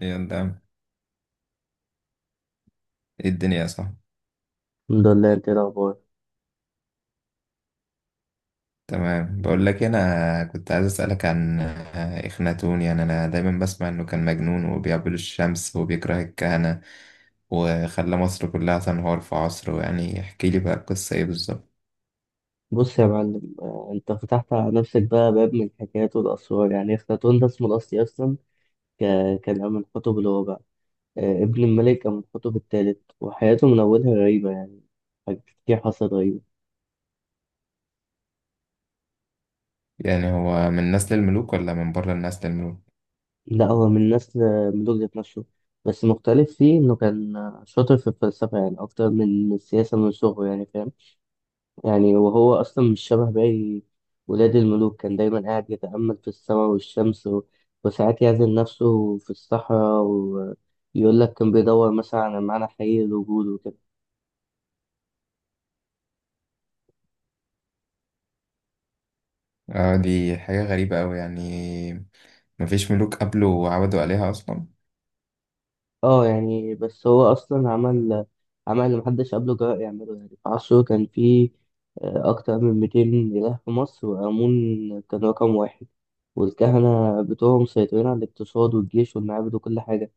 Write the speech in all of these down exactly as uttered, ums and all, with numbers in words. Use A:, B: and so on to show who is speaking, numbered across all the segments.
A: يلا يا عم. ايه الدنيا صح؟
B: الحمد لله، انت ايه الاخبار؟
A: تمام. بقول لك إيه، انا كنت عايز اسالك عن آه، اخناتون. يعني انا دايما بسمع انه كان مجنون وبيعبد الشمس وبيكره الكهنه وخلى مصر كلها تنهار في عصره. يعني احكي لي بقى القصه ايه بالظبط.
B: بص يا معلم، آه، انت فتحت على نفسك بقى باب من الحكايات والاسرار. يعني اخناتون ده اسمه الاصلي اصلا ك- كان من حتب الرابع. آه، ابن الملك كان من حتب الثالث، وحياته من اولها غريبه. يعني حاجات كتير حصلت غريبه.
A: يعني هو من نسل الملوك ولا من بره النسل الملوك؟
B: لا، هو من نسل ملوك ذات نفسه، بس مختلف فيه انه كان شاطر في الفلسفه يعني اكتر من السياسه من صغره، يعني فاهم. يعني وهو أصلا مش شبه باقي ولاد الملوك، كان دايما قاعد يتأمل في السماء والشمس و... وساعات يعزل نفسه في الصحراء، ويقول لك كان بيدور مثلا على معنى حقيقي للوجود وكده.
A: اه دي حاجه غريبه قوي. يعني مفيش ملوك قبله وعبدوا عليها اصلا؟
B: اه يعني، بس هو أصلا عمل عمل اللي محدش قبله جرأ يعمله. يعني في عصره كان فيه آه، أكتر من مئتين إله في مصر، وآمون كان رقم واحد، والكهنة بتوعهم مسيطرين على الاقتصاد والجيش والمعابد وكل حاجة.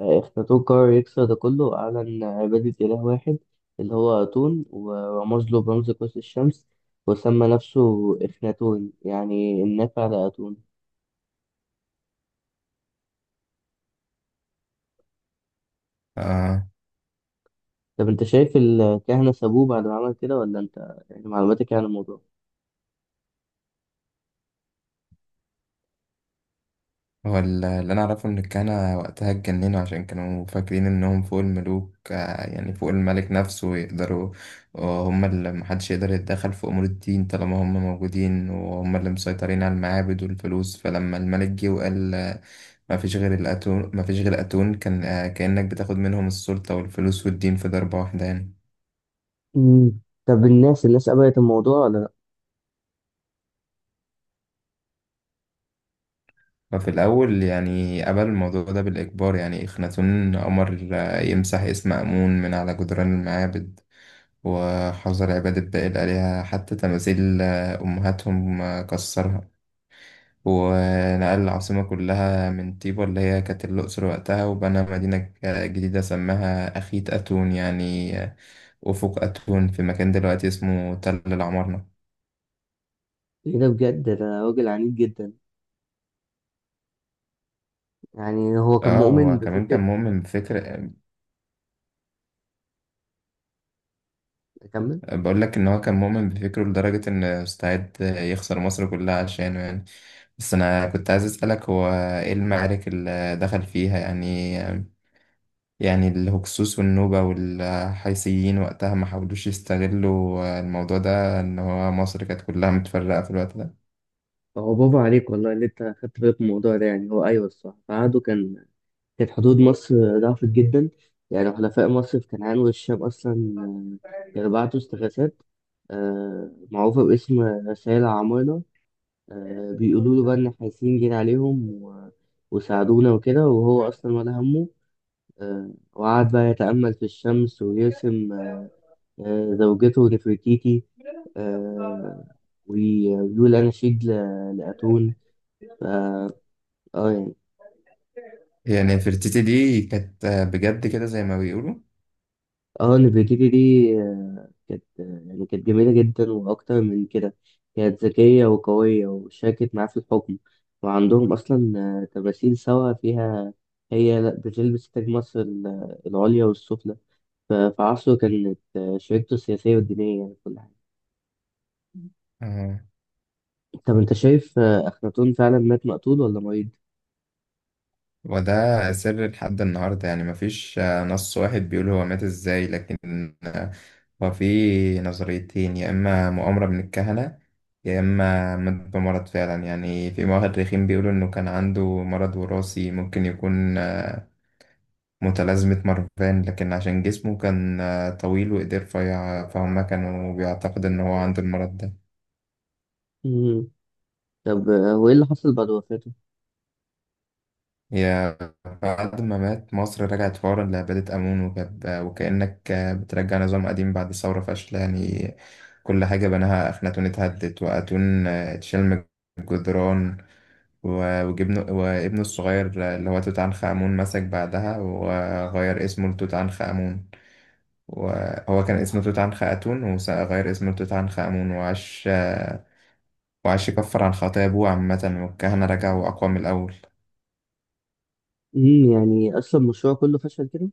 B: أفلاطون قرر يكسر ده كله، وأعلن عبادة إله واحد اللي هو أتون، ورمز له برمز قوس الشمس، وسمى نفسه إخناتون يعني النافع لأتون.
A: اه،
B: طب أنت شايف الكهنة سابوه بعد ما عمل كده، ولا أنت يعني معلوماتك إيه عن الموضوع؟
A: هو ال- اللي انا اعرفه ان الكهنة وقتها اتجننوا عشان كانوا فاكرين انهم فوق الملوك، آه، يعني فوق الملك نفسه، ويقدروا، وهم اللي محدش يقدر يتدخل في امور الدين طالما هم موجودين، وهم اللي مسيطرين على المعابد والفلوس. فلما الملك جه وقال آه، ما فيش غير الاتون ما فيش غير اتون، كان آه، كأنك بتاخد منهم السلطة والفلوس والدين في ضربة واحدة يعني.
B: مم. طب الناس، الناس قبلت الموضوع ولا لأ؟
A: ففي الأول يعني قبل الموضوع ده بالإجبار، يعني إخناتون أمر آه، يمسح اسم آمون من على جدران المعابد، وحظر عبادة باقي الآلهة، حتى تماثيل آه، أمهاتهم آه، كسرها، ونقل العاصمة كلها من طيبة اللي هي كانت الأقصر وقتها، وبنى مدينة ك- جديدة سماها أخيت أتون، يعني آه، أفق أتون، في مكان دلوقتي اسمه تل العمارنة.
B: إيه ده بجد، ده راجل عنيد جدا. يعني هو كان
A: اه
B: مؤمن
A: هو كمان كان
B: بفكرة.
A: مؤمن بفكر آه،
B: أكمل؟
A: بقول لك ان هو كان مؤمن بفكره لدرجة ان استعد يخسر مصر كلها عشانه يعني. بس انا كنت عايز اسألك، هو ايه المعارك اللي دخل فيها؟ يعني آه، يعني الهكسوس والنوبة والحيثيين وقتها ما حاولوش يستغلوا الموضوع ده إن هو مصر كانت كلها متفرقة في الوقت ده؟
B: هو برافو عليك والله اللي أنت خدت بالك من الموضوع ده. يعني هو أيوه الصح، في عهده كان كانت حدود مصر ضعفت جدا. يعني حلفاء مصر في كنعان والشام أصلا آه، كانوا بعتوا استغاثات آه، معروفة باسم رسائل عمارنة، آه، بيقولوا له بقى إن احنا حاسين جينا عليهم و- وساعدونا وكده، وهو أصلا ولا همه. آه، وقعد بقى يتأمل في الشمس، ويرسم آه، زوجته نفرتيتي، آه، وي- ويقول أناشيد ل- لأتون. اه يعني.
A: يعني نفرتيتي دي كانت بجد كده زي ما بيقولوا؟
B: اه، نفيديتي دي آه، كانت آه، يعني كانت جميلة جدا، وأكتر من كده كانت ذكية وقوية، وشاركت معاه في الحكم. وعندهم أصلا آه، تماثيل سوا فيها، هي لا بتلبس تاج مصر ال- العليا والسفلى. ف- في عصره كانت آه، شريكته السياسية والدينية يعني في كل حاجة.
A: آه.
B: طب أنت شايف آه، أخناتون فعلا مات مقتول ولا مريض؟
A: وده سر لحد النهاردة، يعني مفيش آه، نص واحد بيقول هو مات إزاي، لكن آه، هو في نظريتين، يا إما مؤامرة من الكهنة يا إما مات بمرض فعلا. يعني في مؤرخين بيقولوا إنه كان عنده مرض وراثي ممكن يكون آه، متلازمة مارفان، لكن عشان جسمه كان آه، طويل وإيديه رفيعة فهم كانوا بيعتقد إن هو عنده المرض ده.
B: مم. طب آه، وإيه اللي حصل بعد وفاته؟
A: هي بعد ما مات مصر رجعت فورا لعبادة آمون، وكب وكأنك آه، بترجع نظام قديم بعد ثورة فاشلة يعني. كل حاجة بناها أخناتون اتهدت، وأتون آه، اتشال من الجدران، و- وجبنه وابنه الصغير آه، اللي هو توت عنخ آمون مسك بعدها وغير اسمه لتوت عنخ آمون. وهو كان اسمه توت عنخ آتون وغير اسمه لتوت عنخ آمون، وعاش وعاش يكفر عن خطايا أبوه. عامة والكهنة رجعوا أقوى من الأول.
B: مم، يعني أصلا المشروع كله فشل كده؟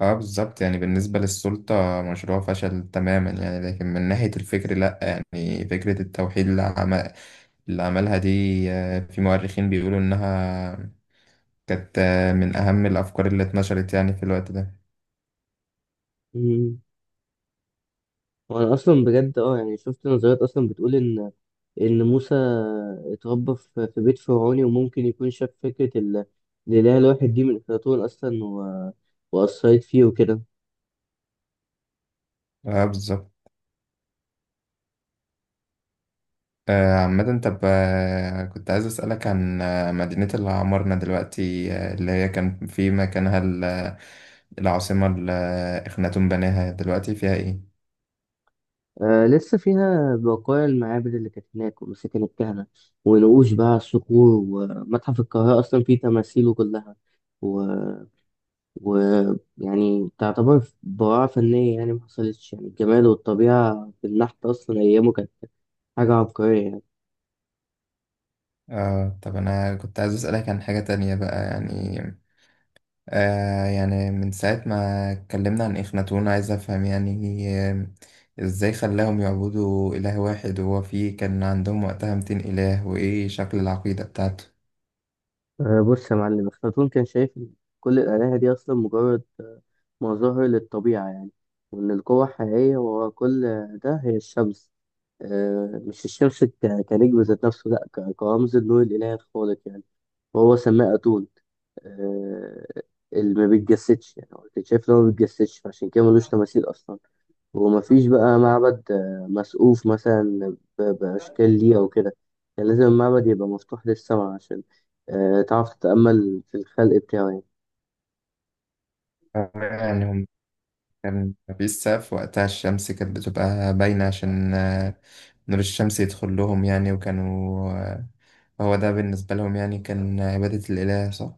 A: اه بالظبط، يعني بالنسبة للسلطة مشروع فشل تماما يعني، لكن من ناحية الفكر لأ. يعني فكرة التوحيد اللي, عم... اللي عملها دي آه، في مؤرخين بيقولوا إنها كانت آه، من أهم الأفكار اللي اتنشرت يعني في الوقت ده.
B: مم. وانا اصلا بجد اه يعني شفت نظريات اصلا بتقول ان ان موسى اتربى في في بيت فرعوني، وممكن يكون شاف فكرة ال- الاله الواحد دي من افلاطون اصلا و... واثرت فيه وكده.
A: اه بالظبط. آه، عامة طب، آه، كنت عايز أسألك عن آه، مدينة اللي عمرنا دلوقتي، آه، اللي هي كان في مكانها ال- آه، العاصمة اللي آه، إخناتون بناها، دلوقتي فيها إيه؟
B: آه لسه فيها بقايا المعابد اللي كانت هناك، ومساكن الكهنة، ونقوش بقى على الصخور. ومتحف القاهرة اصلا فيه تماثيله كلها و... و يعني تعتبر براعة فنية. يعني ما حصلتش يعني الجمال والطبيعة في النحت أصلا أيامه، كانت حاجة عبقرية يعني.
A: آه طب أنا كنت عايز أسألك عن حاجة تانية بقى. يعني آه يعني من ساعة ما اتكلمنا عن إخناتون عايز أفهم، يعني آه، إزاي خلاهم يعبدوا إله واحد وهو فيه كان عندهم وقتها مئتين إله، وإيه شكل العقيدة بتاعته؟
B: آه، بص يا معلم، أفلاطون كان شايف إن كل الآلهة دي أصلا مجرد آه، مظاهر للطبيعة يعني، وإن القوة الحقيقية ورا كل ده هي الشمس. آه، مش الشمس ك- كنجم ذات نفسه، لأ، ك- كرمز النور الإلهي الخالق يعني، وهو سماه أتون، آه، اللي ما بيتجسدش. يعني هو كان شايف إن هو ما بيتجسدش، فعشان كده ملوش تماثيل أصلا. ومفيش بقى معبد آه، مسقوف مثلا ب- بأشكال ليه أو كده، يعني لازم المعبد يبقى مفتوح للسماء عشان آه، تعرف تتأمل في الخلق بتاعه يعني.
A: يعني هم كان مفيش سقف وقتها، الشمس كانت بتبقى باينة عشان آه، نور الشمس يدخل لهم يعني. وكانوا آه، هو ده بالنسبة لهم يعني كان عبادة الإله، صح؟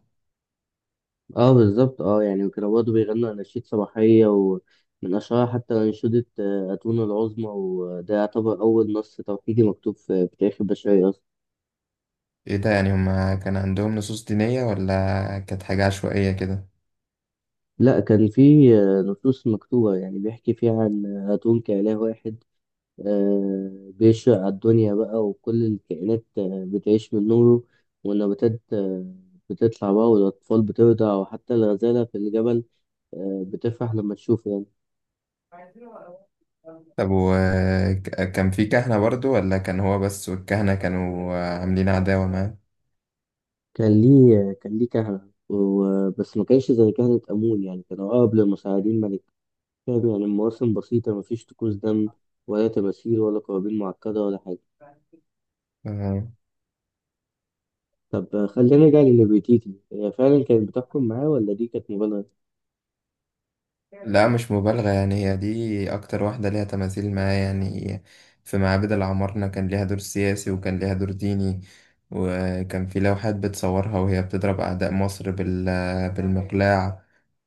B: اه بالظبط، اه يعني وكانوا برضه بيغنوا أناشيد صباحية، ومن أشهرها حتى أنشودة آه، أتون العظمى، وده يعتبر أول نص توحيدي مكتوب في في تاريخ البشرية أصلا.
A: إيه ده، يعني هما كان عندهم نصوص دينية ولا كانت حاجة عشوائية كده؟
B: لا، كان في آه، نصوص مكتوبة يعني بيحكي فيها عن أتون كإله واحد، آه، بيشرق على الدنيا بقى، وكل الكائنات آه، بتعيش من نوره، والنباتات آه، بتطلع بقى، والأطفال بترضع، وحتى الغزالة في الجبل آه، بتفرح لما تشوفه يعني.
A: طب وكان في كهنة برضو، ولا كان هو بس والكهنة كانوا آه، عاملين عداوة
B: كان ليه كان ليه كهنة و- بس ما كانش زي كهنة آمون، يعني كان أقرب للمساعدين ملك. كان يعني المواسم بسيطة، مفيش طقوس دم ولا تماثيل ولا قرابين معقدة ولا حاجة.
A: معاه؟
B: طب آه، خلينا نرجع لنفرتيتي، هي فعلا كانت بتحكم معاه ولا دي كانت مبالغة؟
A: لا مش مبالغة، يعني هي دي أكتر واحدة ليها تماثيل معايا يعني. في معابد العمارنة كان ليها دور سياسي وكان ليها دور ديني، وكان في لوحات بتصورها وهي بتضرب أعداء مصر بال بالمقلاع،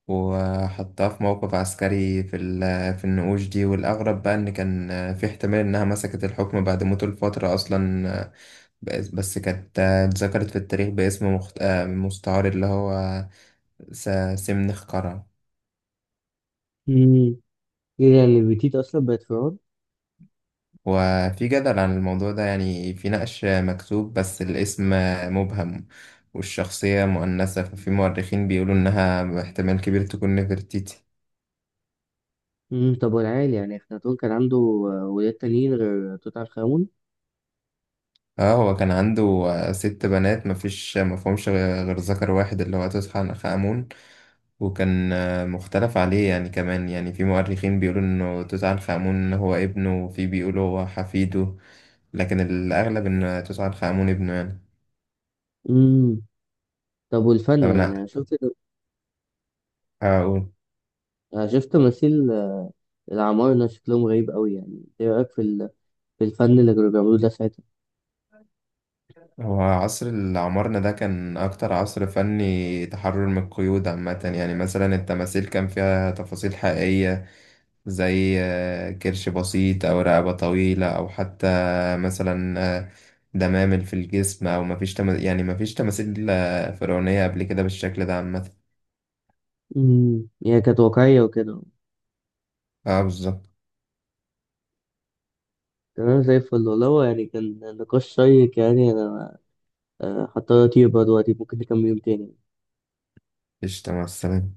A: وحطها في موقف عسكري في ال- في النقوش دي. والأغرب بقى إن كان في احتمال إنها مسكت الحكم بعد موته لفترة أصلا. بس بس كانت اتذكرت في التاريخ باسم مخت... مستعار اللي هو س- سمنخ قرع.
B: مم. ايه يعني نفرتيتي أصلا بقت فرعون؟
A: وفي جدل عن الموضوع ده، يعني في نقش مكتوب بس الاسم مبهم والشخصية مؤنثة، ففي مؤرخين بيقولوا إنها احتمال كبير تكون نفرتيتي.
B: امم، طب والعيال، يعني أخناتون كان عنده آه، ولاد تانيين غير توت عنخ آمون؟
A: اه هو كان عنده ست بنات، مفيش مفهومش غير ذكر واحد اللي هو توت عنخ آمون، وكان مختلف عليه يعني كمان. يعني في مؤرخين بيقولوا إنه توت عنخ آمون هو ابنه، وفي بيقولوا هو حفيده، لكن الأغلب إن توت عنخ آمون ابنه يعني.
B: امم. طب
A: طب
B: والفن، يعني أنا
A: أنا
B: شفت،
A: هقول،
B: أنا شفت تماثيل آه، العمارنة شكلهم غريب أوي، يعني إيه رأيك في ال... في الفن اللي كانوا بيعملوه ده ساعتها؟
A: هو عصر اللي عمرنا ده كان أكتر عصر فني تحرر من القيود عامة. يعني مثلا التماثيل كان فيها تفاصيل حقيقية، زي آه، كرش بسيط أو رقبة طويلة، أو حتى مثلا آه، دمامل في الجسم. أو مفيش تما... يعني مفيش تماثيل آه، فرعونية قبل كده بالشكل ده عامة.
B: امم، يعني كانت واقعية وكده.
A: اه بالظبط.
B: تمام، زي الفل والله، هو يعني كان نقاش شيق. يعني أنا آه، هضطر أطير بقى دلوقتي، ممكن نكمل يوم تاني.
A: مفيش تماثيل